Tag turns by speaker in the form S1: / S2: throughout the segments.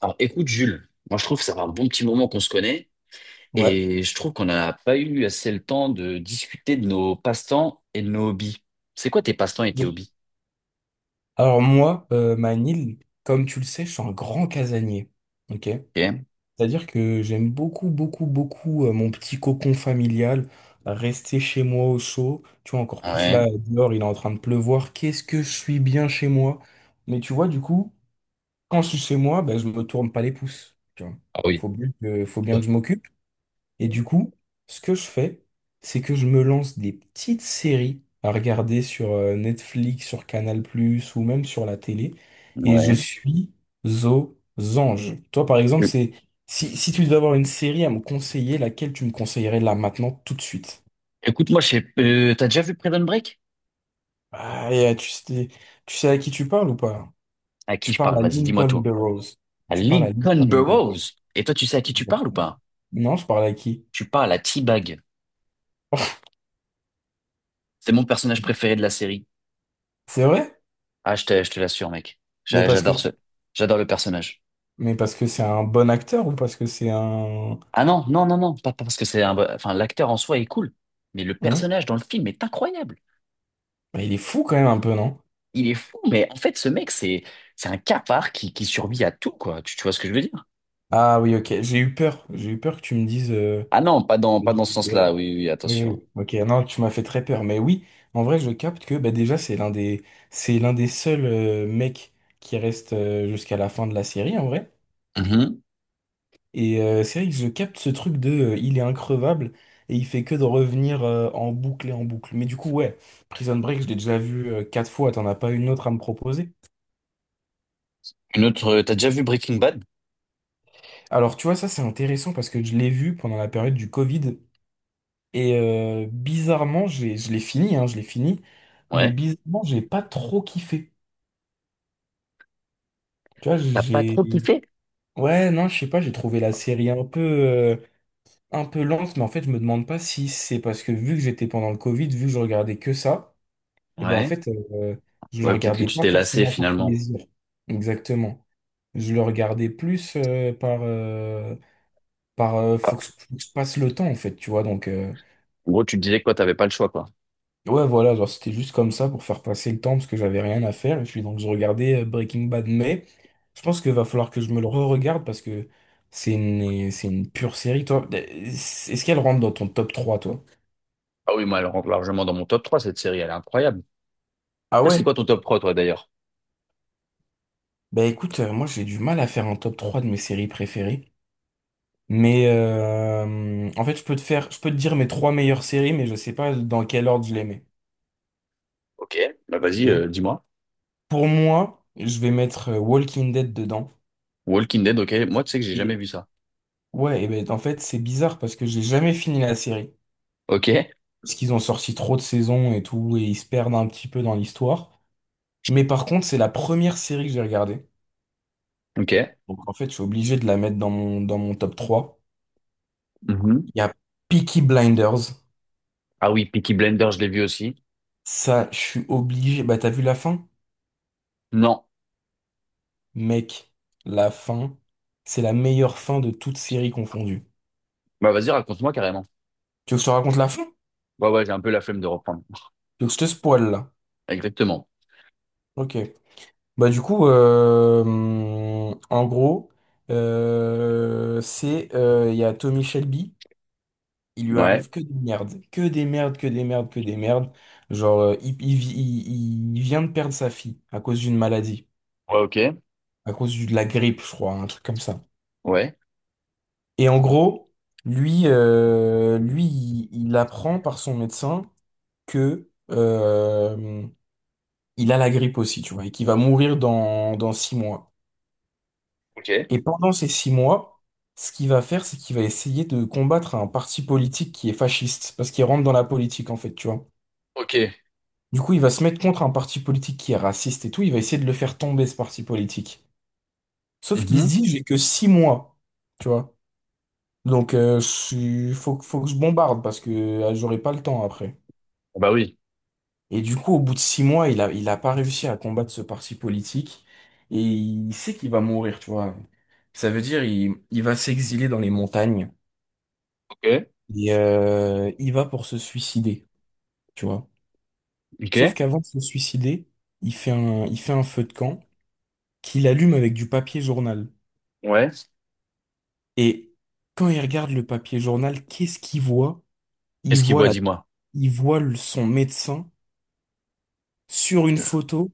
S1: Alors, écoute, Jules, moi je trouve que ça fait un bon petit moment qu'on se connaît
S2: Ouais.
S1: et je trouve qu'on n'a pas eu assez le temps de discuter de nos passe-temps et de nos hobbies. C'est quoi tes passe-temps et tes hobbies?
S2: Alors moi, Manil, comme tu le sais, je suis un grand casanier. Ok?
S1: Ok.
S2: C'est-à-dire que j'aime beaucoup, beaucoup, beaucoup mon petit cocon familial, rester chez moi au chaud. Tu vois, encore plus
S1: Ouais.
S2: là, dehors, il est en train de pleuvoir. Qu'est-ce que je suis bien chez moi. Mais tu vois, du coup, quand je suis chez moi, ben, je me tourne pas les pouces. Tu vois.
S1: Ah oui.
S2: Faut bien que je m'occupe. Et du coup, ce que je fais, c'est que je me lance des petites séries à regarder sur Netflix, sur Canal+, ou même sur la télé, et je
S1: Ouais.
S2: suis aux anges. Toi, par exemple, c'est si tu devais avoir une série à me conseiller, laquelle tu me conseillerais là maintenant, tout de suite?
S1: Écoute, moi, je sais, t'as déjà vu Prison Break?
S2: Ah, tu sais à qui tu parles ou pas?
S1: À qui
S2: Tu
S1: je
S2: parles
S1: parle?
S2: à
S1: Vas-y, dis-moi
S2: Lincoln
S1: tout.
S2: Burrows.
S1: À
S2: Tu parles à
S1: Lincoln
S2: Lincoln Burrows.
S1: Burrows. Et toi, tu sais à qui tu parles ou pas?
S2: Non, je parle à qui?
S1: Tu parles à T-Bag. C'est mon personnage préféré de la série.
S2: C'est vrai?
S1: Ah, je te l'assure, mec.
S2: Mais parce que,
S1: J'adore j'adore le personnage.
S2: mais parce que c'est un bon acteur ou parce que c'est un...
S1: Ah non, non, non, non, pas parce que c'est un... Enfin, l'acteur en soi est cool, mais le
S2: Hmm.
S1: personnage dans le film est incroyable.
S2: Mais il est fou quand même un peu, non?
S1: Il est fou, mais en fait, ce mec, c'est un cafard qui survit à tout, quoi. Tu vois ce que je veux dire?
S2: Ah oui, ok. J'ai eu peur. J'ai eu peur que tu me dises.
S1: Ah non, pas dans ce
S2: Ouais.
S1: sens-là, oui, oui,
S2: Oui,
S1: attention.
S2: oui. Ok. Non, tu m'as fait très peur. Mais oui, en vrai, je capte que bah, déjà, c'est l'un des seuls mecs qui reste jusqu'à la fin de la série, en vrai.
S1: Mhm.
S2: Et c'est vrai que je capte ce truc de, il est increvable et il fait que de revenir en boucle et en boucle. Mais du coup, ouais, Prison Break, je l'ai déjà vu 4 fois. T'en as pas une autre à me proposer?
S1: Une autre... T'as déjà vu Breaking Bad?
S2: Alors, tu vois, ça, c'est intéressant parce que je l'ai vu pendant la période du Covid. Et bizarrement, je l'ai fini, hein, je l'ai fini, mais
S1: Ouais.
S2: bizarrement, j'ai pas trop kiffé. Tu vois,
S1: T'as pas
S2: j'ai...
S1: trop kiffé?
S2: Ouais, non, je sais pas, j'ai trouvé la série un peu lente, mais en fait, je me demande pas si c'est parce que vu que j'étais pendant le Covid, vu que je regardais que ça, et ben en
S1: Ouais.
S2: fait, je le
S1: Ouais, peut-être que
S2: regardais
S1: tu
S2: pas
S1: t'es lassé,
S2: forcément par
S1: finalement.
S2: plaisir. Exactement. Je le regardais plus par...
S1: Ah,
S2: faut que je passe le temps, en fait, tu vois,
S1: en gros, tu te disais quoi, t'avais pas le choix, quoi.
S2: Ouais, voilà, genre c'était juste comme ça pour faire passer le temps parce que j'avais rien à faire. Et puis donc je regardais Breaking Bad, mais je pense qu'il va falloir que je me le re-regarde parce que c'est une pure série, toi. Est-ce qu'elle rentre dans ton top 3 toi?
S1: Ah oui, moi, elle rentre largement dans mon top 3 cette série, elle est incroyable.
S2: Ah
S1: Toi, c'est
S2: ouais?
S1: quoi ton top 3 toi, d'ailleurs?
S2: Bah écoute, moi j'ai du mal à faire un top 3 de mes séries préférées. Mais en fait, je peux te dire mes trois meilleures séries, mais je sais pas dans quel ordre je les mets.
S1: Ok, bah vas-y,
S2: Ok.
S1: dis-moi.
S2: Pour moi, je vais mettre Walking Dead dedans.
S1: Walking Dead, ok. Moi, tu sais que j'ai jamais vu ça.
S2: Ouais, et ben en fait, c'est bizarre parce que j'ai jamais fini la série.
S1: Ok,
S2: Parce qu'ils ont sorti trop de saisons et tout, et ils se perdent un petit peu dans l'histoire. Mais par contre, c'est la première série que j'ai regardée.
S1: ok.
S2: Donc en fait, je suis obligé de la mettre dans dans mon top 3.
S1: Mhm.
S2: Il y a Peaky Blinders.
S1: Ah oui, Peaky Blender, je l'ai vu aussi.
S2: Ça, je suis obligé. Bah, t'as vu la fin?
S1: Non.
S2: Mec, la fin, c'est la meilleure fin de toute série confondue.
S1: Bah vas-y, raconte-moi carrément.
S2: Tu veux que je te raconte la fin?
S1: Ouais, ouais, j'ai un peu la flemme de reprendre.
S2: Tu veux que je te spoil là?
S1: Exactement.
S2: Ok. Bah du coup, en gros, c'est il y a Tommy Shelby, il lui
S1: Ouais.
S2: arrive que des merdes, que des merdes, que des merdes, que des merdes. Genre, il vient de perdre sa fille à cause d'une maladie,
S1: Ouais, ok.
S2: de la grippe, je crois, un truc comme ça.
S1: Ouais.
S2: Et en gros, il apprend par son médecin que il a la grippe aussi, tu vois, et qu'il va mourir dans six mois.
S1: Ok.
S2: Et pendant ces 6 mois, ce qu'il va faire, c'est qu'il va essayer de combattre un parti politique qui est fasciste, parce qu'il rentre dans la politique, en fait, tu vois.
S1: Ok.
S2: Du coup, il va se mettre contre un parti politique qui est raciste et tout, il va essayer de le faire tomber, ce parti politique. Sauf qu'il se
S1: Mhm.
S2: dit, j'ai que 6 mois, tu vois. Donc, je suis- faut que je bombarde, parce que j'aurai pas le temps après.
S1: Bah oui.
S2: Et du coup, au bout de 6 mois, il a pas réussi à combattre ce parti politique, et il sait qu'il va mourir, tu vois. Ça veut dire, il va s'exiler dans les montagnes.
S1: Ok.
S2: Et il va pour se suicider, tu vois. Sauf
S1: Ok.
S2: qu'avant de se suicider, il fait un feu de camp qu'il allume avec du papier journal.
S1: Ouais.
S2: Et quand il regarde le papier journal, qu'est-ce qu'il voit? Il
S1: Qu'est-ce qu'il
S2: voit
S1: voit,
S2: la,
S1: dis-moi?
S2: il voit le- son médecin sur une photo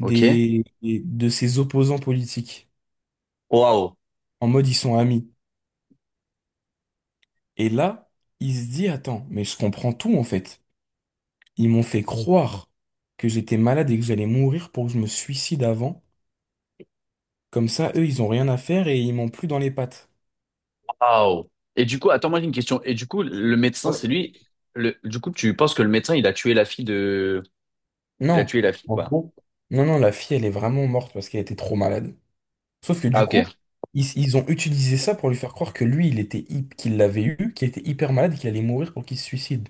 S1: Ok.
S2: des- de ses opposants politiques.
S1: Waouh.
S2: En mode, ils sont amis. Et là, il se dit, attends, mais je comprends tout en fait. Ils m'ont fait croire que j'étais malade et que j'allais mourir pour que je me suicide avant. Comme ça, eux, ils ont rien à faire et ils m'ont plus dans les pattes.
S1: Waouh. Et du coup, attends, moi j'ai une question. Et du coup, le médecin,
S2: Ouais.
S1: c'est lui. Le... Du coup, tu penses que le médecin, il a tué la fille de. Il a
S2: Non,
S1: tué la fille,
S2: en
S1: quoi.
S2: gros, non, la fille, elle est vraiment morte parce qu'elle était trop malade. Sauf que
S1: Ah,
S2: du coup,
S1: ok.
S2: ils ont utilisé ça pour lui faire croire que lui, qu'il l'avait eu, qu'il était hyper malade et qu'il allait mourir pour qu'il se suicide.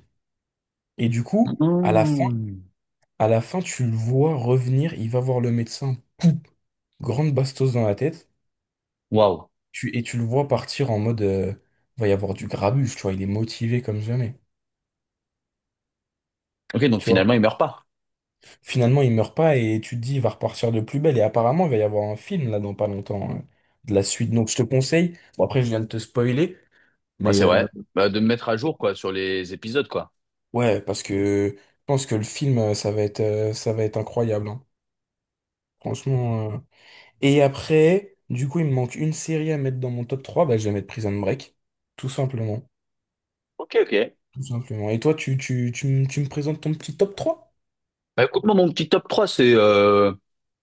S2: Et du coup,
S1: Mmh.
S2: à la fin, tu le vois revenir, il va voir le médecin, poum, grande bastos dans la tête,
S1: Waouh.
S2: et tu le vois partir en mode, va y avoir du grabuge, tu vois, il est motivé comme jamais.
S1: Ok, donc
S2: Tu vois.
S1: finalement, il meurt pas.
S2: Finalement, il meurt pas et tu te dis, il va repartir de plus belle. Et apparemment, il va y avoir un film là dans pas longtemps, hein, de la suite. Donc, je te conseille. Bon, après, je viens de te spoiler,
S1: Ouais,
S2: mais
S1: c'est vrai. Bah, de me mettre à jour, quoi, sur les épisodes, quoi.
S2: ouais, parce que je pense que le film, ça va être incroyable. Hein. Franchement. Euh. Et après, du coup, il me manque une série à mettre dans mon top 3. Bah, je vais mettre Prison Break. Tout simplement.
S1: Ok, ok.
S2: Tout simplement. Et toi, tu me présentes ton petit top trois.
S1: Bah, écoute-moi, mon petit top 3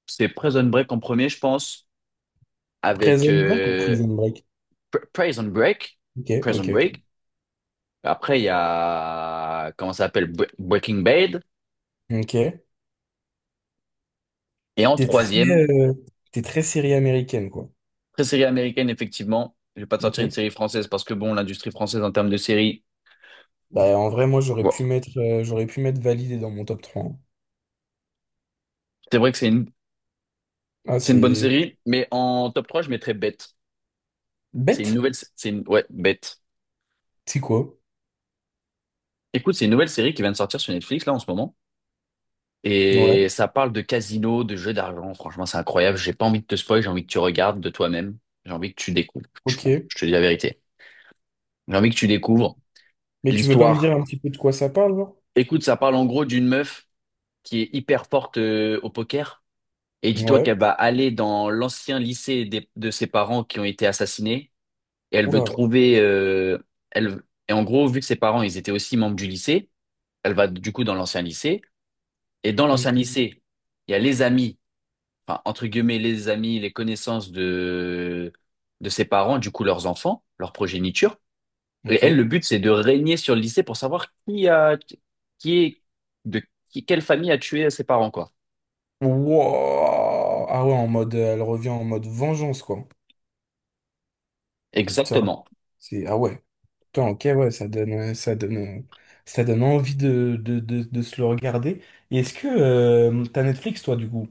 S1: c'est Prison Break en premier, je pense, avec
S2: Prison Break ou Prison Break?
S1: Prison Break.
S2: Ok,
S1: Prison
S2: ok,
S1: Break.
S2: ok.
S1: Après, il y a, comment ça s'appelle, Breaking Bad.
S2: Ok.
S1: Et en
S2: T'es très,
S1: troisième,
S2: euh, t'es très série américaine, quoi.
S1: très série américaine, effectivement. Je vais pas te
S2: Ok.
S1: sortir une série française parce que, bon, l'industrie française, en termes de séries,
S2: Bah, en vrai, moi,
S1: bon,
S2: j'aurais pu mettre validé dans mon top 3. Hein.
S1: c'est vrai que
S2: Ah,
S1: c'est une bonne
S2: c'est
S1: série, mais en top 3 je mettrais Bête. C'est une
S2: bête.
S1: ouais, Bête.
S2: C'est quoi?
S1: Écoute, c'est une nouvelle série qui vient de sortir sur Netflix là en ce moment. Et
S2: Ouais,
S1: ça parle de casino, de jeux d'argent. Franchement, c'est incroyable. J'ai pas envie de te spoil, j'ai envie que tu regardes de toi-même. J'ai envie que tu découvres,
S2: ok.
S1: franchement. Je te dis la vérité. J'ai envie que tu découvres
S2: Mais tu veux pas me dire
S1: l'histoire.
S2: un petit peu de quoi ça parle, genre?
S1: Écoute, ça parle en gros d'une meuf qui est hyper forte au poker. Et dis-toi
S2: Ouais.
S1: qu'elle va aller dans l'ancien lycée de ses parents qui ont été assassinés. Et elle veut
S2: Oula.
S1: trouver. Elle, et en gros, vu que ses parents, ils étaient aussi membres du lycée, elle va du coup dans l'ancien lycée. Et dans l'ancien
S2: Ok.
S1: lycée, il y a les amis, enfin, entre guillemets, les amis, les connaissances de ses parents, du coup, leurs enfants, leur progéniture. Et
S2: Ok.
S1: elle, le but, c'est de régner sur le lycée pour savoir qui est, de quelle famille a tué ses parents, quoi.
S2: Wow. Ah ouais, en mode, elle revient en mode vengeance, quoi. Tiens,
S1: Exactement.
S2: c'est, ah ouais. Putain, ok, ouais, ça donne, ça donne, ça donne envie de se le regarder. Et est-ce que, t'as Netflix, toi, du coup?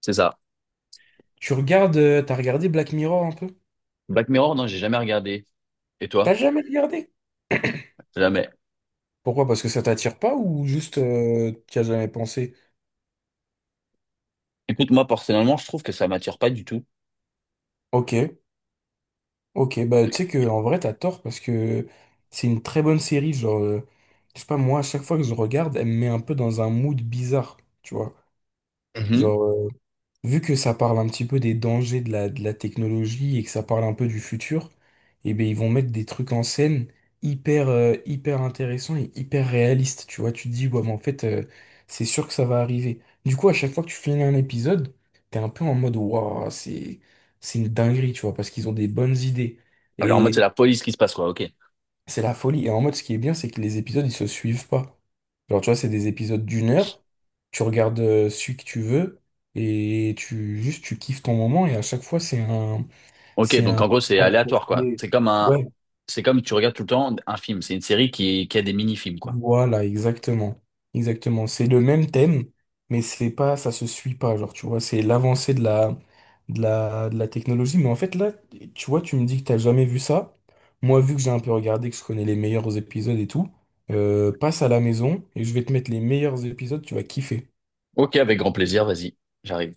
S1: C'est ça.
S2: Tu regardes, t'as regardé Black Mirror un peu?
S1: Black Mirror, non, j'ai jamais regardé. Et
S2: T'as
S1: toi?
S2: jamais regardé?
S1: Jamais.
S2: Pourquoi? Parce que ça t'attire pas ou juste t'y as jamais pensé?
S1: Écoute, moi, personnellement, je trouve que ça m'attire pas du tout.
S2: Ok, ok, bah tu sais que en vrai t'as tort parce que c'est une très bonne série, je sais pas moi, à chaque fois que je regarde, elle me met un peu dans un mood bizarre, tu vois.
S1: Mhm.
S2: Genre vu que ça parle un petit peu des dangers de de la technologie et que ça parle un peu du futur, eh ben ils vont mettre des trucs en scène hyper intéressants et hyper réalistes. Tu vois, tu te dis, ouais, mais en fait, c'est sûr que ça va arriver. Du coup, à chaque fois que tu finis un épisode, t'es un peu en mode, waouh, c'est une dinguerie, tu vois, parce qu'ils ont des bonnes idées.
S1: Alors, en mode, c'est la police qui se passe, quoi. Ok.
S2: C'est la folie. Et en mode, ce qui est bien, c'est que les épisodes, ils se suivent pas. Genre, tu vois, c'est des épisodes d'1 heure. Tu regardes celui que tu veux et tu kiffes ton moment. Et à chaque fois,
S1: Ok,
S2: c'est
S1: donc
S2: un.
S1: en gros, c'est aléatoire, quoi.
S2: Ouais,
S1: C'est comme tu regardes tout le temps un film. C'est une série qui a des mini-films, quoi.
S2: voilà, exactement. Exactement. C'est le même thème, mais c'est pas, ça se suit pas. Genre, tu vois, c'est l'avancée de de la technologie. Mais en fait, là, tu vois, tu me dis que t'as jamais vu ça. Moi, vu que j'ai un peu regardé, que je connais les meilleurs épisodes et tout, passe à la maison et je vais te mettre les meilleurs épisodes, tu vas kiffer.
S1: Ok, avec grand plaisir, vas-y, j'arrive.